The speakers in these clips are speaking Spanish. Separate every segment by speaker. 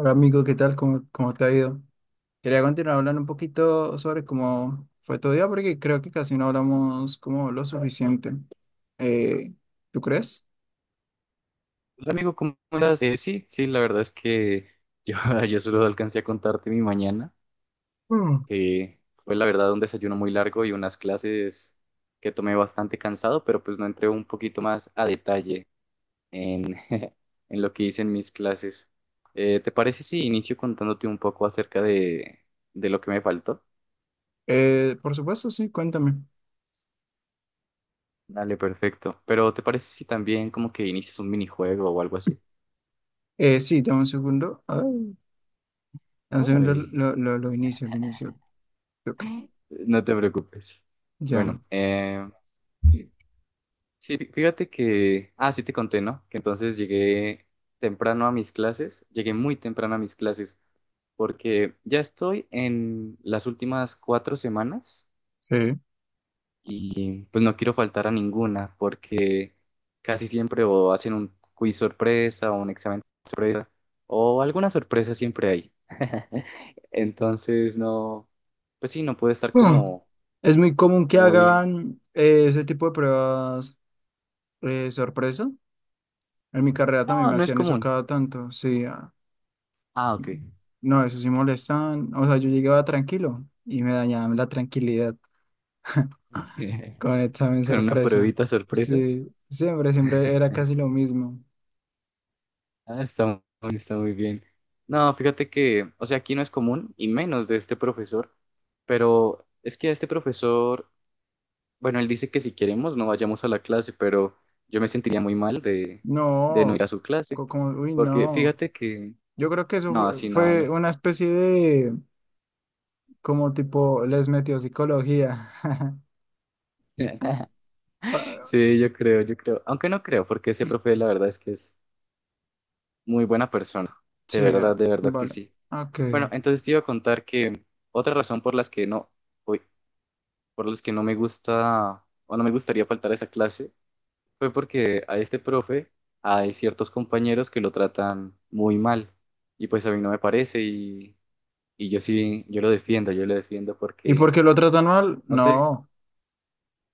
Speaker 1: Hola amigo, ¿qué tal? ¿Cómo te ha ido? Quería continuar hablando un poquito sobre cómo fue tu día, porque creo que casi no hablamos como lo suficiente. Eh, ¿Tú crees?
Speaker 2: Hola amigo, ¿cómo andas? Sí, sí, la verdad es que yo, yo solo alcancé a contarte mi mañana,
Speaker 1: Mm,
Speaker 2: que fue la verdad un desayuno muy largo y unas clases que tomé bastante cansado, pero pues no entré un poquito más a detalle en, en lo que hice en mis clases. ¿Te parece si inicio contándote un poco acerca de lo que me faltó?
Speaker 1: por supuesto, sí, cuéntame.
Speaker 2: Dale, perfecto. Pero ¿te parece si también como que inicias un minijuego o algo así?
Speaker 1: Sí, dame un segundo. A ver, dame un segundo,
Speaker 2: Ay,
Speaker 1: lo inicio, lo inicio. Toca.
Speaker 2: no te preocupes.
Speaker 1: Ya.
Speaker 2: Bueno. Sí, fíjate que, sí te conté, ¿no? Que entonces llegué temprano a mis clases, llegué muy temprano a mis clases, porque ya estoy en las últimas 4 semanas
Speaker 1: Sí.
Speaker 2: y pues no quiero faltar a ninguna, porque casi siempre o hacen un quiz sorpresa o un examen sorpresa, o alguna sorpresa siempre hay. Entonces, no, pues sí, no puede estar
Speaker 1: Ah,
Speaker 2: como
Speaker 1: es muy común que
Speaker 2: muy.
Speaker 1: hagan ese tipo de pruebas sorpresa. En mi carrera también
Speaker 2: No,
Speaker 1: me
Speaker 2: no es
Speaker 1: hacían eso
Speaker 2: común.
Speaker 1: cada tanto, sí. Ah.
Speaker 2: Ah, ok.
Speaker 1: No, eso sí molestaban. O sea, yo llegaba tranquilo y me dañaban la tranquilidad con el examen
Speaker 2: Con una
Speaker 1: sorpresa.
Speaker 2: pruebita sorpresa.
Speaker 1: Sí, siempre, siempre era casi lo mismo.
Speaker 2: Ah, está muy bien. No, fíjate que, o sea, aquí no es común y menos de este profesor, pero es que a este profesor, bueno, él dice que si queremos no vayamos a la clase, pero yo me sentiría muy mal de no ir
Speaker 1: No,
Speaker 2: a su clase,
Speaker 1: como, uy,
Speaker 2: porque
Speaker 1: no.
Speaker 2: fíjate que,
Speaker 1: Yo creo que eso
Speaker 2: no,
Speaker 1: fue,
Speaker 2: así no, no
Speaker 1: fue
Speaker 2: es.
Speaker 1: una especie de, como tipo, les metió psicología. Pa-
Speaker 2: Sí, yo creo, aunque no creo, porque ese profe la verdad es que es muy buena persona,
Speaker 1: Sí, ah,
Speaker 2: de verdad que
Speaker 1: vale.
Speaker 2: sí.
Speaker 1: Ok.
Speaker 2: Bueno, entonces te iba a contar que otra razón por las que no, voy por los que no me gusta o no me gustaría faltar a esa clase fue porque a este profe hay ciertos compañeros que lo tratan muy mal y pues a mí no me parece y yo sí, yo lo defiendo
Speaker 1: ¿Y por
Speaker 2: porque,
Speaker 1: qué lo tratan mal?
Speaker 2: no sé,
Speaker 1: No.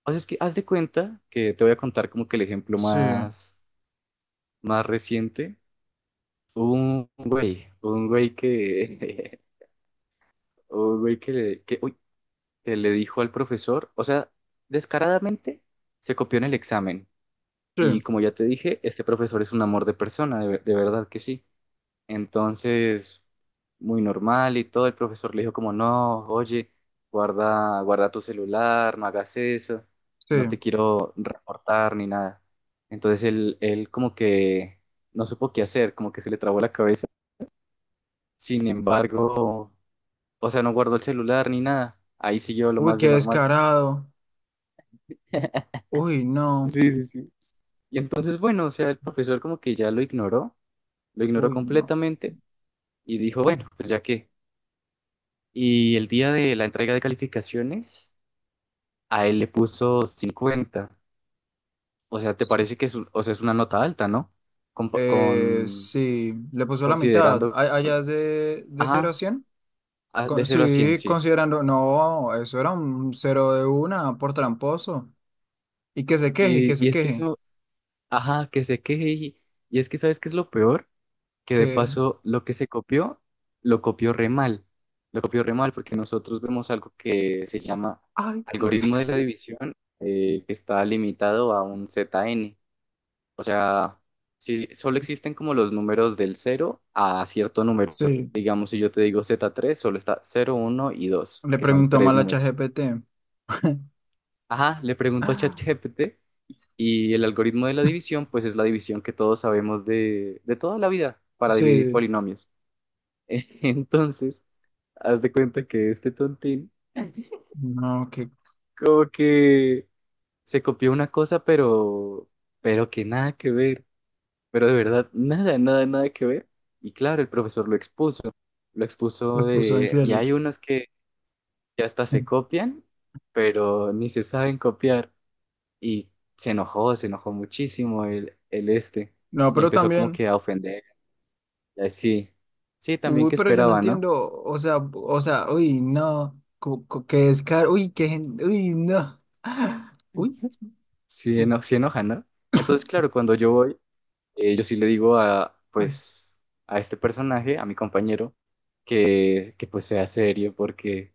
Speaker 2: o sea, es que haz de cuenta que te voy a contar como que el ejemplo
Speaker 1: Sí,
Speaker 2: más reciente. Hubo un güey que, un güey que le, que, uy, que le dijo al profesor, o sea, descaradamente se copió en el examen.
Speaker 1: sí,
Speaker 2: Y como ya te dije, este profesor es un amor de persona, de verdad que sí. Entonces, muy normal y todo, el profesor le dijo como, no, oye, guarda, guarda tu celular, no hagas eso,
Speaker 1: sí.
Speaker 2: no te quiero reportar ni nada. Entonces él como que no supo qué hacer, como que se le trabó la cabeza. Sin embargo, o sea, no guardó el celular ni nada. Ahí siguió lo
Speaker 1: Uy,
Speaker 2: más de
Speaker 1: qué
Speaker 2: normal.
Speaker 1: descarado. Uy, no.
Speaker 2: Sí, sí, sí. Y entonces, bueno, o sea, el profesor como que ya lo ignoró
Speaker 1: Uy, no.
Speaker 2: completamente. Y dijo, bueno, pues ya que. Y el día de la entrega de calificaciones, a él le puso 50. O sea, ¿te parece que o sea, es una nota alta, ¿no? Compa- Con,
Speaker 1: Sí, le puso la mitad.
Speaker 2: considerando,
Speaker 1: ¿Allá es de cero a
Speaker 2: ajá,
Speaker 1: 100?
Speaker 2: de 0 a 100
Speaker 1: Sí,
Speaker 2: sí.
Speaker 1: considerando, no, eso era un cero de una por tramposo. Y que se queje, y que
Speaker 2: Y,
Speaker 1: se
Speaker 2: y es que
Speaker 1: queje.
Speaker 2: eso, ajá, que se queje. Y es que, ¿sabes qué es lo peor? Que de
Speaker 1: Que,
Speaker 2: paso, lo que se copió, lo copió re mal. Lo copió re mal porque nosotros vemos algo que se llama
Speaker 1: ay,
Speaker 2: algoritmo de la división, que está limitado a un ZN. O sea, si solo existen como los números del cero a cierto número.
Speaker 1: sí,
Speaker 2: Digamos, si yo te digo z tres, solo está cero, uno y 2,
Speaker 1: le
Speaker 2: que son
Speaker 1: preguntó
Speaker 2: tres
Speaker 1: mal a
Speaker 2: números.
Speaker 1: ChatGPT.
Speaker 2: Ajá, le pregunto a ChatGPT y el algoritmo de la división, pues es la división que todos sabemos de toda la vida para dividir
Speaker 1: Sí,
Speaker 2: polinomios. Entonces, haz de cuenta que este tontín
Speaker 1: no, que
Speaker 2: como que se copió una cosa, pero que nada que ver. Pero de verdad, nada, nada, nada que ver. Y claro, el profesor lo expuso
Speaker 1: les puso
Speaker 2: de, y hay
Speaker 1: infieles.
Speaker 2: unos que ya hasta se copian, pero ni se saben copiar. Y se enojó muchísimo el este,
Speaker 1: No,
Speaker 2: y
Speaker 1: pero
Speaker 2: empezó como
Speaker 1: también,
Speaker 2: que a ofender. Y así, sí, también
Speaker 1: uy,
Speaker 2: que
Speaker 1: pero yo no
Speaker 2: esperaba, ¿no?
Speaker 1: entiendo, o sea, uy, no, qué descaro, uy, qué, uy, no, uy,
Speaker 2: Ujú. Sí,
Speaker 1: mm,
Speaker 2: sí enoja, ¿no? Entonces, claro, cuando yo voy, yo sí le digo a,
Speaker 1: uy.
Speaker 2: pues, a este personaje, a mi compañero, que pues sea serio, porque,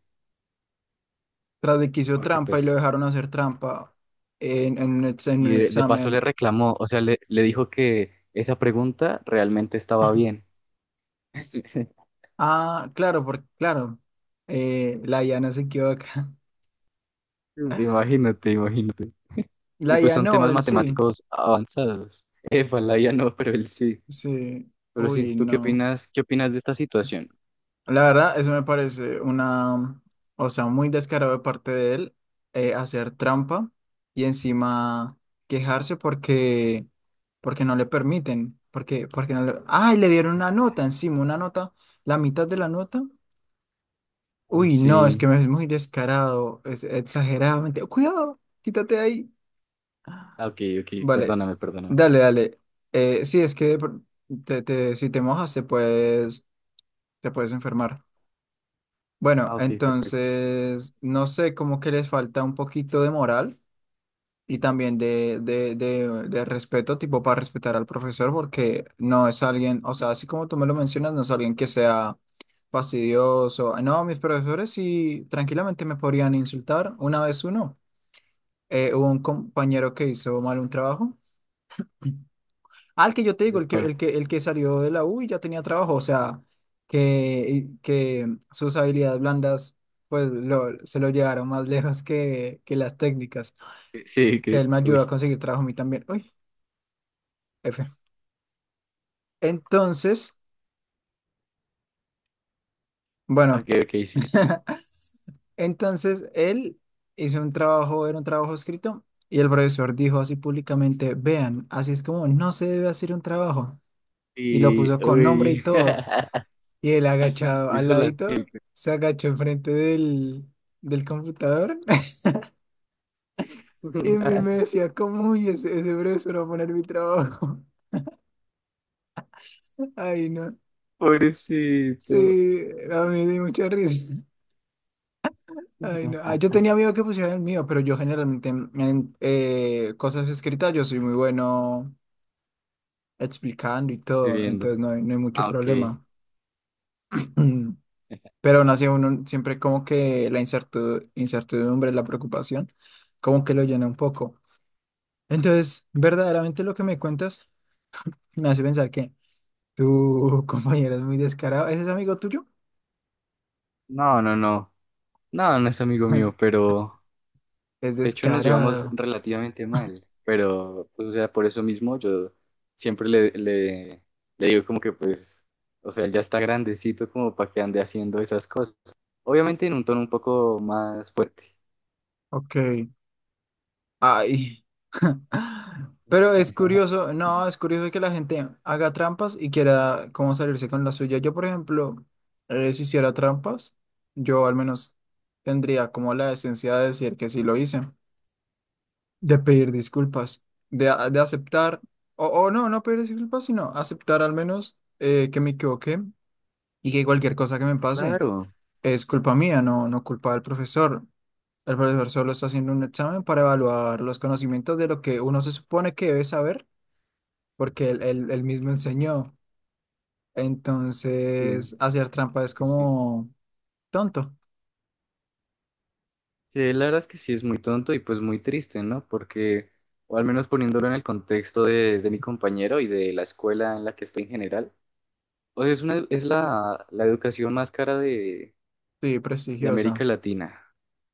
Speaker 1: Tras de que hizo
Speaker 2: porque
Speaker 1: trampa y lo
Speaker 2: pues.
Speaker 1: dejaron hacer trampa en, en
Speaker 2: Y
Speaker 1: un
Speaker 2: de paso le
Speaker 1: examen.
Speaker 2: reclamó, o sea, le dijo que esa pregunta realmente estaba bien.
Speaker 1: Ah, claro, porque, claro, la IA no se equivoca.
Speaker 2: Imagínate, imagínate. Y
Speaker 1: La
Speaker 2: pues
Speaker 1: IA
Speaker 2: son
Speaker 1: no,
Speaker 2: temas
Speaker 1: él sí.
Speaker 2: matemáticos avanzados. Éfala, ya no, pero él sí.
Speaker 1: Sí.
Speaker 2: Pero sí,
Speaker 1: Uy,
Speaker 2: ¿tú qué
Speaker 1: no.
Speaker 2: opinas? ¿Qué opinas de esta situación?
Speaker 1: La verdad, eso me parece una, o sea, muy descarado de parte de él, hacer trampa y encima quejarse porque, porque no le permiten. Porque, porque no le... ¡Ay! Le dieron una nota encima, una nota, la mitad de la nota.
Speaker 2: Uy,
Speaker 1: Uy, no, es que
Speaker 2: sí.
Speaker 1: me ves muy descarado, es exageradamente. Cuidado, quítate de ahí.
Speaker 2: Ah, ok, ok,
Speaker 1: Vale,
Speaker 2: perdóname, perdóname.
Speaker 1: dale, dale. Sí, es que si te mojas te puedes enfermar. Bueno,
Speaker 2: Ah, ok, perfecto. Sí,
Speaker 1: entonces, no sé, como que les falta un poquito de moral y también de respeto, tipo para respetar al profesor, porque no es alguien, o sea, así como tú me lo mencionas, no es alguien que sea fastidioso. No, mis profesores sí tranquilamente me podrían insultar una vez uno. Hubo un compañero que hizo mal un trabajo. Ah, el que yo te digo,
Speaker 2: Epa.
Speaker 1: el que salió de la U y ya tenía trabajo, o sea, que sus habilidades blandas, pues lo, se lo llevaron más lejos que las técnicas,
Speaker 2: Sí,
Speaker 1: que
Speaker 2: que,
Speaker 1: él me ayudó a
Speaker 2: uy.
Speaker 1: conseguir trabajo a mí también. Uy, F. Entonces, bueno,
Speaker 2: Ok, ok, sí.
Speaker 1: entonces él hizo un trabajo, era un trabajo escrito, y el profesor dijo así públicamente: vean, así es como no se debe hacer un trabajo, y lo
Speaker 2: Y,
Speaker 1: puso con nombre y
Speaker 2: uy.
Speaker 1: todo. Y él agachado al
Speaker 2: Hizo la
Speaker 1: ladito,
Speaker 2: chica.
Speaker 1: se agachó enfrente del, del computador y, me decía, ¿cómo? Uy, ese profesor va a poner mi trabajo. Ay, no. Sí,
Speaker 2: Pobrecito.
Speaker 1: a mí me dio mucha risa. Ay, no. Ah, yo tenía miedo que pusieran el mío, pero yo generalmente en cosas escritas yo soy muy bueno explicando y
Speaker 2: Estoy
Speaker 1: todo,
Speaker 2: viendo.
Speaker 1: entonces no hay, no hay mucho
Speaker 2: Ah, ok.
Speaker 1: problema. Pero aún así uno siempre como que la incertidumbre, la preocupación, como que lo llena un poco. Entonces, verdaderamente lo que me cuentas me hace pensar que tu compañero es muy descarado. ¿Ese es amigo tuyo?
Speaker 2: No, no, no. No, no es amigo mío, pero
Speaker 1: Es
Speaker 2: de hecho nos llevamos
Speaker 1: descarado.
Speaker 2: relativamente mal. Pero, pues, o sea, por eso mismo yo siempre le digo como que, pues, o sea, él ya está grandecito como para que ande haciendo esas cosas. Obviamente en un tono un poco más fuerte.
Speaker 1: Ok. Ay. Pero es curioso, no, es curioso que la gente haga trampas y quiera como salirse con la suya. Yo, por ejemplo, si hiciera trampas, yo al menos tendría como la esencia de decir que sí lo hice. De pedir disculpas, de, de aceptar, o no, no pedir disculpas, sino aceptar al menos que me equivoqué y que cualquier cosa que me pase
Speaker 2: Claro.
Speaker 1: es culpa mía, no, no culpa del profesor. El profesor solo está haciendo un examen para evaluar los conocimientos de lo que uno se supone que debe saber, porque él mismo enseñó.
Speaker 2: Sí,
Speaker 1: Entonces, hacer trampa es
Speaker 2: sí, sí.
Speaker 1: como tonto,
Speaker 2: Sí, la verdad es que sí es muy tonto y pues muy triste, ¿no? Porque, o al menos poniéndolo en el contexto de mi compañero y de la escuela en la que estoy en general, o sea, es la educación más cara de,
Speaker 1: sí,
Speaker 2: de América
Speaker 1: prestigioso.
Speaker 2: Latina.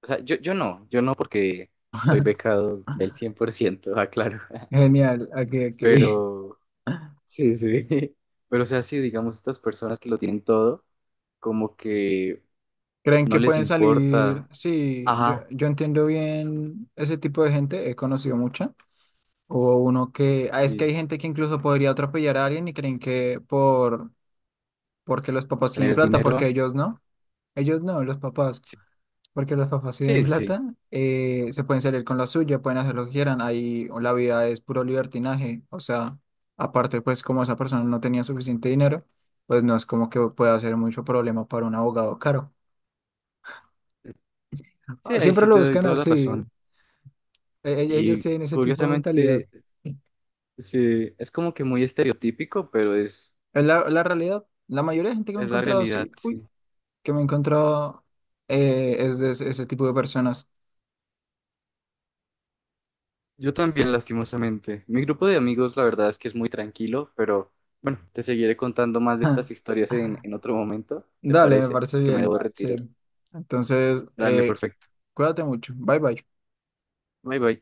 Speaker 2: O sea, yo no, yo no porque soy becado del 100%, aclaro.
Speaker 1: Genial, ok, ok.
Speaker 2: Pero, sí, sí. Pero, o sea, sí, digamos, estas personas que lo tienen todo, como que
Speaker 1: ¿Creen
Speaker 2: no
Speaker 1: que
Speaker 2: les
Speaker 1: pueden salir?
Speaker 2: importa,
Speaker 1: Sí,
Speaker 2: ajá,
Speaker 1: yo entiendo bien ese tipo de gente, he conocido mucha. O uno que, ah, es que
Speaker 2: sí,
Speaker 1: hay gente que incluso podría atropellar a alguien y creen que por, porque los papás tienen
Speaker 2: tener
Speaker 1: plata, porque
Speaker 2: dinero.
Speaker 1: ellos no, los papás,
Speaker 2: Sí,
Speaker 1: porque los papás tienen
Speaker 2: sí. Sí,
Speaker 1: plata, se pueden salir con la suya, pueden hacer lo que quieran, ahí la vida es puro libertinaje, o sea, aparte pues como esa persona no tenía suficiente dinero, pues no es como que pueda ser mucho problema para un abogado caro.
Speaker 2: sí,
Speaker 1: Ah,
Speaker 2: ahí
Speaker 1: siempre
Speaker 2: sí
Speaker 1: lo
Speaker 2: te doy
Speaker 1: buscan
Speaker 2: toda la
Speaker 1: así.
Speaker 2: razón.
Speaker 1: Ellos
Speaker 2: Y
Speaker 1: tienen ese tipo de mentalidad.
Speaker 2: curiosamente,
Speaker 1: Sí.
Speaker 2: sí, es como que muy estereotípico, pero es,
Speaker 1: Es la, la realidad. La mayoría de gente que me he
Speaker 2: es la
Speaker 1: encontrado
Speaker 2: realidad,
Speaker 1: sí uy,
Speaker 2: sí.
Speaker 1: que me he encontrado es de ese, ese tipo de personas.
Speaker 2: Yo también, lastimosamente. Mi grupo de amigos, la verdad es que es muy tranquilo, pero bueno, te seguiré contando más de estas historias en otro momento, ¿te
Speaker 1: Dale, me
Speaker 2: parece?
Speaker 1: parece
Speaker 2: Que me debo,
Speaker 1: bien.
Speaker 2: vale, retirar.
Speaker 1: Sí. Entonces,
Speaker 2: Dale, perfecto.
Speaker 1: cuídate mucho. Bye bye.
Speaker 2: Bye bye.